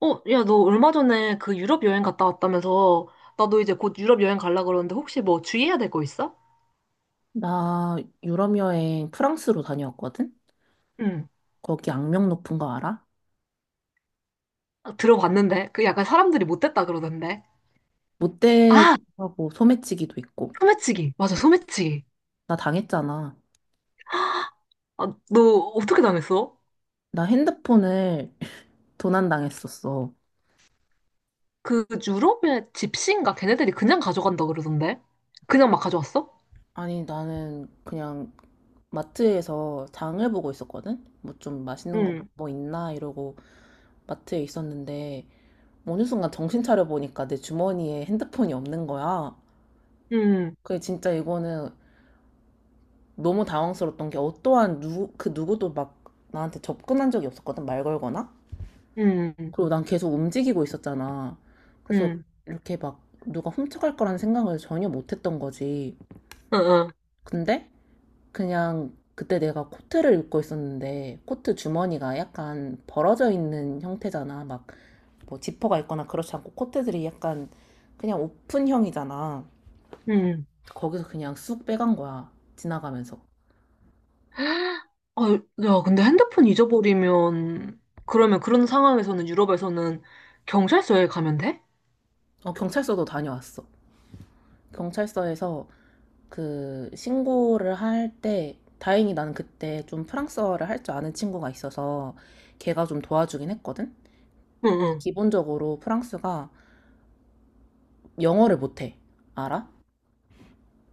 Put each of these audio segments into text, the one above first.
너 얼마 전에 그 유럽 여행 갔다 왔다면서 나도 이제 곧 유럽 여행 갈라 그러는데 혹시 뭐 주의해야 될 거 있어? 나 유럽 여행 프랑스로 다녀왔거든? 응. 거기 악명 높은 거 알아? 아, 들어봤는데 그 약간 사람들이 못됐다 그러던데. 아, 못되고 소매치기도 있고. 소매치기. 맞아, 소매치기. 나 당했잖아. 아, 너 어떻게 당했어? 나 핸드폰을 도난당했었어. 그 유럽의 집시인가 걔네들이 그냥 가져간다 그러던데. 그냥 막 가져왔어? 아니, 나는 그냥 마트에서 장을 보고 있었거든? 뭐 좀 맛있는 거 응, 뭐 있나? 이러고 마트에 있었는데 어느 순간 정신 차려 보니까 내 주머니에 핸드폰이 없는 거야. 응, 그래, 진짜 이거는 너무 당황스러웠던 게 어떠한 그 누구도 막 나한테 접근한 적이 없었거든, 말 걸거나. 응, 응, 그리고 난 계속 움직이고 있었잖아. 그래서 응, 이렇게 막 누가 훔쳐갈 거라는 생각을 전혀 못 했던 거지. 응. 근데 그냥 그때 내가 코트를 입고 있었는데 코트 주머니가 약간 벌어져 있는 형태잖아. 막 뭐 지퍼가 있거나 그렇지 않고 코트들이 약간 그냥 오픈형이잖아. 응. 거기서 그냥 쑥 빼간 거야. 지나가면서. 아, 야, 근데 핸드폰 잊어버리면 그러면 그런 상황에서는 유럽에서는 경찰서에 가면 돼? 어, 경찰서도 다녀왔어. 경찰서에서 그 신고를 할 때 다행히 나는 그때 좀 프랑스어를 할 줄 아는 친구가 있어서 걔가 좀 도와주긴 했거든. 근데 응응. 기본적으로 프랑스가 영어를 못해. 알아?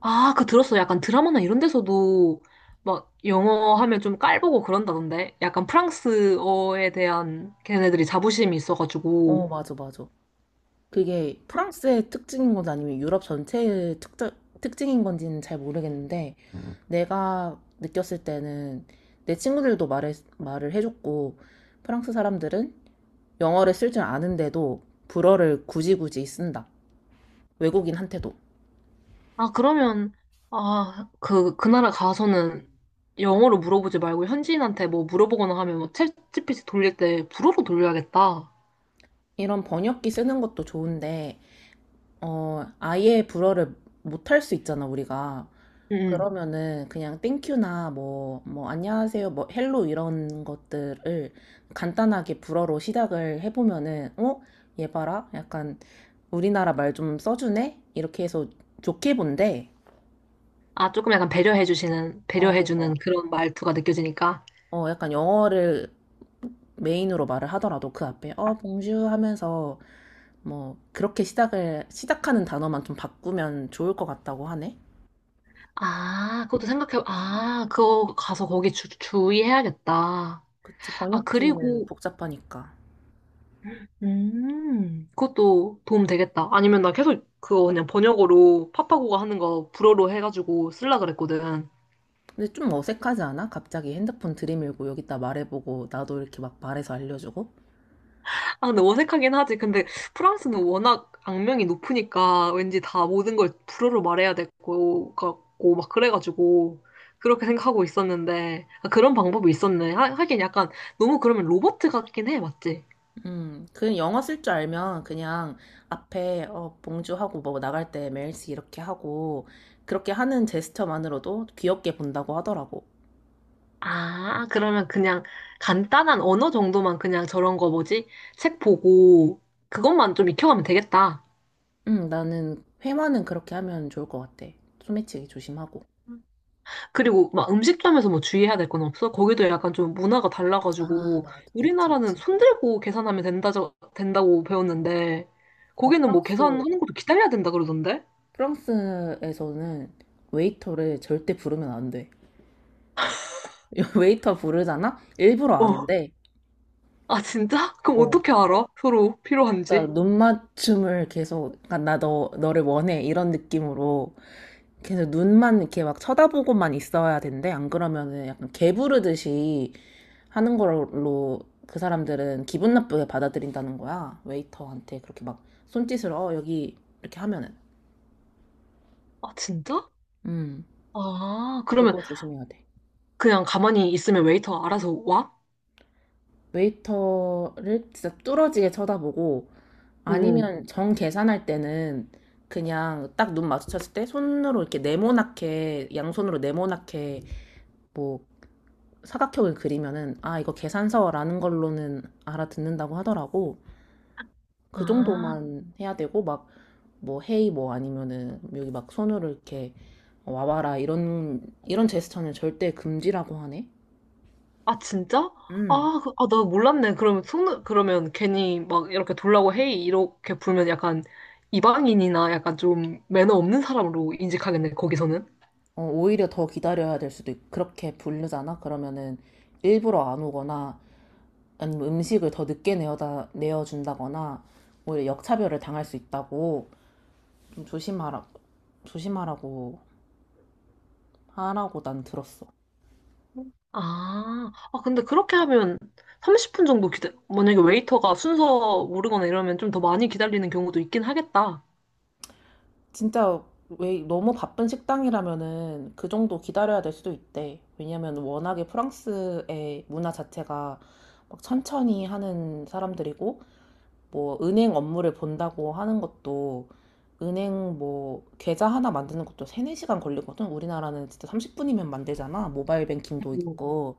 아, 그 들었어. 약간 드라마나 이런 데서도 막 영어 하면 좀 깔보고 그런다던데. 약간 프랑스어에 대한 걔네들이 자부심이 어, 있어가지고. 맞아, 맞아. 그게 프랑스의 특징인 건지 아니면 유럽 전체의 특징인 건지는 잘 모르겠는데 음, 내가 느꼈을 때는 내 친구들도 말을 해줬고 프랑스 사람들은 영어를 쓸 줄 아는데도 불어를 굳이 굳이 쓴다. 외국인한테도. 아, 그러면, 아, 그 나라 가서는 영어로 물어보지 말고 현지인한테 뭐 물어보거나 하면 뭐 챗지피 t 돌릴 때 불어로 돌려야겠다. 이런 번역기 쓰는 것도 좋은데, 어, 아예 불어를 못할 수 있잖아, 우리가. 응. 응. 그러면은 그냥 땡큐나 뭐, 뭐, 안녕하세요, 뭐, 헬로 이런 것들을 간단하게 불어로 시작을 해보면은, 어? 얘 봐라? 약간 우리나라 말 좀 써주네? 이렇게 해서 좋게 본대. 아, 조금 약간 어, 배려해주는 그래서. 그런 말투가 느껴지니까. 어, 약간 영어를 메인으로 말을 하더라도 그 앞에, 어, 봉주 하면서 뭐, 그렇게 시작하는 단어만 좀 바꾸면 좋을 것 같다고 하네. 아, 그것도 생각해. 아, 그거 가서 거기 주의해야겠다. 그치, 아, 번역기는 그리고, 복잡하니까. 그것도 도움 되겠다. 아니면 나 계속 그거 그냥 번역어로 파파고가 하는 거 불어로 해가지고 쓸라 그랬거든. 근데 좀 어색하지 않아? 갑자기 핸드폰 들이밀고 여기다 말해보고 나도 이렇게 막 말해서 알려주고? 아, 근데 어색하긴 하지. 근데 프랑스는 워낙 악명이 높으니까 왠지 다 모든 걸 불어로 말해야 될 거 같고, 막 그래가지고. 그렇게 생각하고 있었는데, 아, 그런 방법이 있었네. 하, 하긴 약간 너무 그러면 로버트 같긴 해, 맞지? 그 영어 쓸 줄 알면 그냥 앞에 어, 봉주 하고 뭐 나갈 때 메일스 이렇게 하고 그렇게 하는 제스처만으로도 귀엽게 본다고 하더라고. 아, 그러면 그냥 간단한 언어 정도만 그냥 저런 거 뭐지? 책 보고 그것만 좀 익혀가면 되겠다. 나는 회화는 그렇게 하면 좋을 것 같아. 소매치기 조심하고. 음. 그리고 막 음식점에서 뭐 주의해야 될 건 없어? 거기도 약간 좀 문화가 아, 달라가지고 맞아. 있지, 우리나라는 있지. 손 들고 계산하면 된다고 배웠는데 어, 거기는 뭐 프랑스, 계산하는 것도 기다려야 된다 그러던데? 프랑스에서는 웨이터를 절대 부르면 안 돼. 웨이터 부르잖아? 일부러 안 어. 온대. 아, 진짜? 그럼 어. 어떻게 알아? 서로 필요한지? 그러니까 눈 맞춤을 계속, 그러니까 나 너, 너를 원해. 이런 느낌으로 계속 눈만 이렇게 막 쳐다보고만 있어야 된대. 안 그러면은 약간 개 부르듯이 하는 걸로 그 사람들은 기분 나쁘게 받아들인다는 거야. 웨이터한테 그렇게 막 손짓을, 어, 여기 이렇게 하면은. 아, 진짜? 음, 아, 그러면 그거 조심해야 돼. 그냥 가만히 있으면 웨이터가 알아서 와? 웨이터를 진짜 뚫어지게 쳐다보고, 응. 아니면 정 계산할 때는 그냥 딱 눈 마주쳤을 때 손으로 이렇게 네모나게 양손으로 네모나게 뭐 사각형을 그리면은 아 이거 계산서라는 걸로는 알아듣는다고 하더라고. 응. 그 음, 아. 정도만 해야 되고 막 뭐 헤이 뭐 아니면은 여기 막 손으로 이렇게 와봐라 이런 제스처는 절대 금지라고 하네. 아, 진짜? 음. 아, 아, 나 몰랐네. 그러면 속 그러면 괜히 막 이렇게 돌라고 헤이 이렇게 불면 약간 이방인이나 약간 좀 매너 없는 사람으로 인식하겠네, 거기서는. 어, 오히려 더 기다려야 될 수도 있, 그렇게 부르잖아. 그러면은 일부러 안 오거나 아니면 음식을 더 늦게 내어준다거나 오히려 역차별을 당할 수 있다고 좀 조심하라고 하라고 난 들었어. 아, 아, 근데 그렇게 하면 30분 정도 만약에 웨이터가 순서 모르거나 이러면 좀 더 많이 기다리는 경우도 있긴 하겠다. 진짜 왜 너무 바쁜 식당이라면은 그 정도 기다려야 될 수도 있대. 왜냐면 워낙에 프랑스의 문화 자체가 막 천천히 하는 사람들이고 뭐 은행 업무를 본다고 하는 것도 은행 뭐 계좌 하나 만드는 것도 3, 4시간 걸리거든. 우리나라는 진짜 30분이면 만들잖아. 모바일 뱅킹도 음. 있고.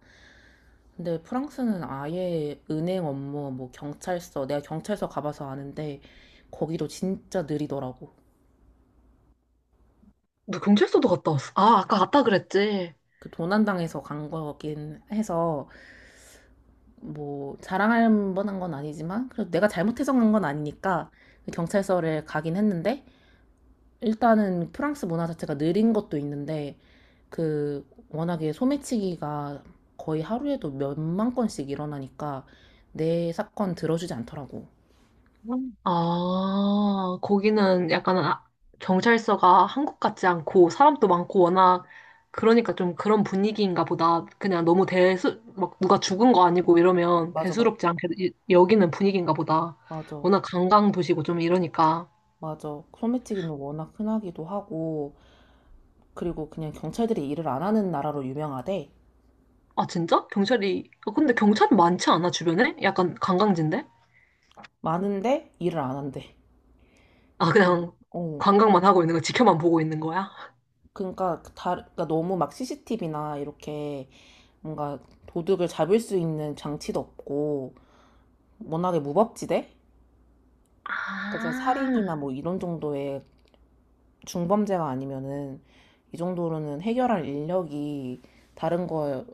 근데 프랑스는 아예 은행 업무, 뭐 경찰서, 내가 경찰서 가봐서 아는데 거기도 진짜 느리더라고. 너 경찰서도 갔다 왔어. 아, 아까 갔다 그랬지. 그 도난당해서 간 거긴 해서 뭐 자랑할 만한 건 아니지만 그래도 내가 잘못해서 간 건 아니니까 경찰서를 가긴 했는데 일단은 프랑스 문화 자체가 느린 것도 있는데 그 워낙에 소매치기가 거의 하루에도 몇만 건씩 일어나니까 내 사건 들어주지 않더라고. 아, 거기는 약간 경찰서가 한국 같지 않고 사람도 많고 워낙 그러니까 좀 그런 분위기인가 보다. 그냥 너무 막 누가 죽은 거 아니고 이러면 맞아, 맞아, 대수롭지 않게 여기는 분위기인가 보다. 맞아, 워낙 관광 도시고 좀 이러니까. 맞아. 소매치기는 워낙 흔하기도 하고, 그리고 그냥 경찰들이 일을 안 하는 나라로 유명하대. 아, 진짜? 경찰이, 어, 근데 경찰 많지 않아, 주변에? 약간 관광지인데? 많은데 일을 안 한대. 아, 음. 그냥 어. 관광만 하고 있는 거, 지켜만 보고 있는 거야? 그러니까 그러니까 너무 막 CCTV나 이렇게 뭔가 도둑을 잡을 수 있는 장치도 없고, 워낙에 무법지대? 그래서 아 살인이나 뭐 이런 정도의 중범죄가 아니면은 이 정도로는 해결할 인력이 다른 거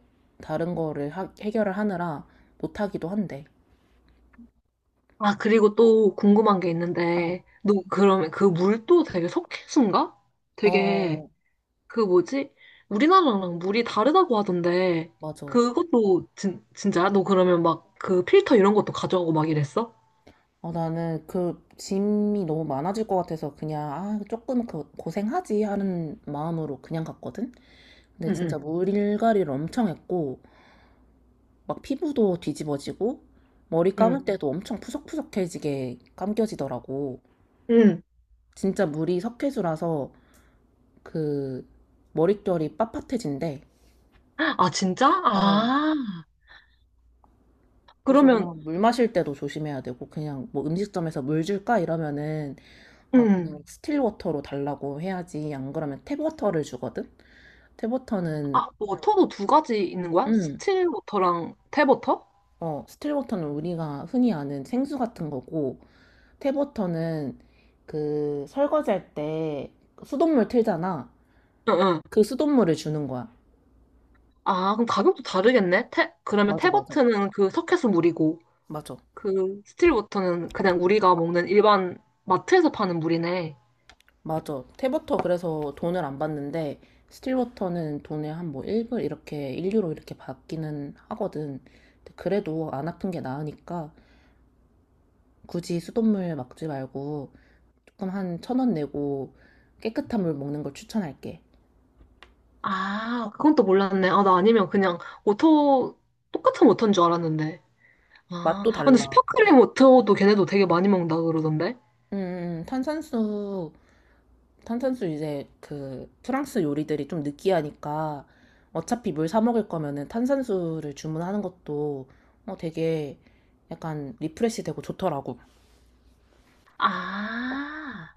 다른 거를 해결을 하느라 못하기도 한데. 아, 그리고 또 궁금한 게 어. 있는데, 너 그러면 그 물도 되게 석회수인가? 되게, 어, 그 뭐지? 우리나라랑 물이 다르다고 하던데, 맞아. 그것도 진짜야? 너 그러면 막 그 필터 이런 것도 가져가고 막 이랬어? 어, 나는 그 짐이 너무 많아질 것 같아서 그냥 아, 조금 그 고생하지 하는 마음으로 그냥 갔거든. 근데 응, 응, 진짜 물갈이를 엄청 했고 막 피부도 뒤집어지고 머리 응, 감을 때도 엄청 푸석푸석해지게 감겨지더라고. 응. 진짜 물이 석회수라서 그 머릿결이 빳빳해진대. 아, 진짜? 어. 아, 그래서 그러면, 그냥 물 마실 때도 조심해야 되고 그냥 뭐 음식점에서 물 줄까 이러면은 아 응. 그냥 스틸 워터로 달라고 해야지 안 그러면 탭 워터를 주거든. 탭 워터는 아, 워터도 두 가지 있는 거야? 음, 스틸 워터랑 탭 워터? 어, 스틸 워터는 우리가 흔히 아는 생수 같은 거고 탭 워터는 그 설거지할 때 수돗물 틀잖아. 응, 응. 그 수돗물을 주는 거야. 아, 그럼 가격도 다르겠네? 그러면 맞아, 탭 맞아. 워터는 그 석회수 물이고, 맞아. 그 스틸 워터는 그냥 우리가 먹는 일반 마트에서 파는 물이네. 맞아. 탭워터 그래서 돈을 안 받는데 스틸워터는 돈의 한 뭐 1불 이렇게 1유로 이렇게 받기는 하거든. 근데 그래도 안 아픈 게 나으니까 굳이 수돗물 막지 말고 조금 한 1,000원 내고 깨끗한 물 먹는 걸 추천할게. 아, 그건 또 몰랐네. 아, 나 아니면 그냥 워터 똑같은 워터인 줄 알았는데. 아, 맛도 아, 근데 달라. 스파클링 워터도 걔네도 되게 많이 먹는다 그러던데. 음, 음, 탄산수, 탄산수 이제 그 프랑스 요리들이 좀 느끼하니까 어차피 물 사 먹을 거면은 탄산수를 주문하는 것도 어, 되게 약간 리프레시 되고 좋더라고. 아,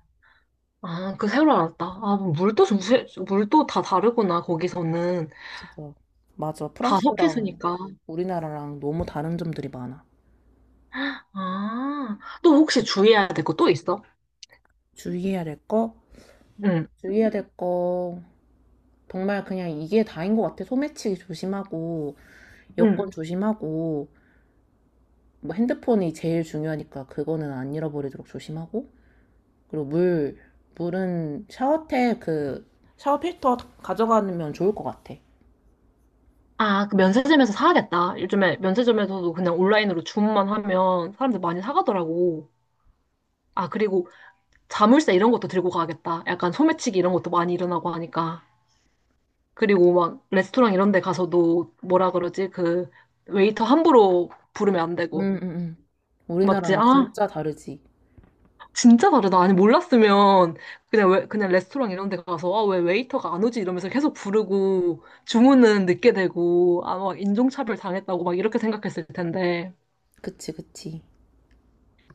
아, 그 새로 알았다. 아, 뭐 물도 좀 물도 다 다르구나. 거기서는 진짜. 맞아. 다 프랑스랑 섞여서니까. 우리나라랑 너무 다른 점들이 많아. 아, 또 혹시 주의해야 될 거 또 있어? 주의해야 될 거? 응, 주의해야 될 거. 정말 그냥 이게 다인 것 같아. 소매치기 조심하고, 응. 여권 조심하고, 뭐 핸드폰이 제일 중요하니까 그거는 안 잃어버리도록 조심하고. 그리고 물, 물은 샤워템 그 샤워 필터 가져가면 좋을 것 같아. 아, 그 면세점에서 사야겠다. 요즘에 면세점에서도 그냥 온라인으로 주문만 하면 사람들 많이 사가더라고. 아, 그리고 자물쇠 이런 것도 들고 가야겠다. 약간 소매치기 이런 것도 많이 일어나고 하니까. 그리고 막 레스토랑 이런 데 가서도 뭐라 그러지? 그 웨이터 함부로 부르면 안 되고. 응, 응, 응. 맞지? 우리나라랑 아, 진짜 다르지. 진짜 다르다. 아니, 몰랐으면 그냥 왜, 그냥 레스토랑 이런 데 가서 아, 왜 웨이터가 안 오지? 이러면서 계속 부르고 주문은 늦게 되고 아, 막 인종차별 당했다고 막 이렇게 생각했을 텐데. 그치, 그치.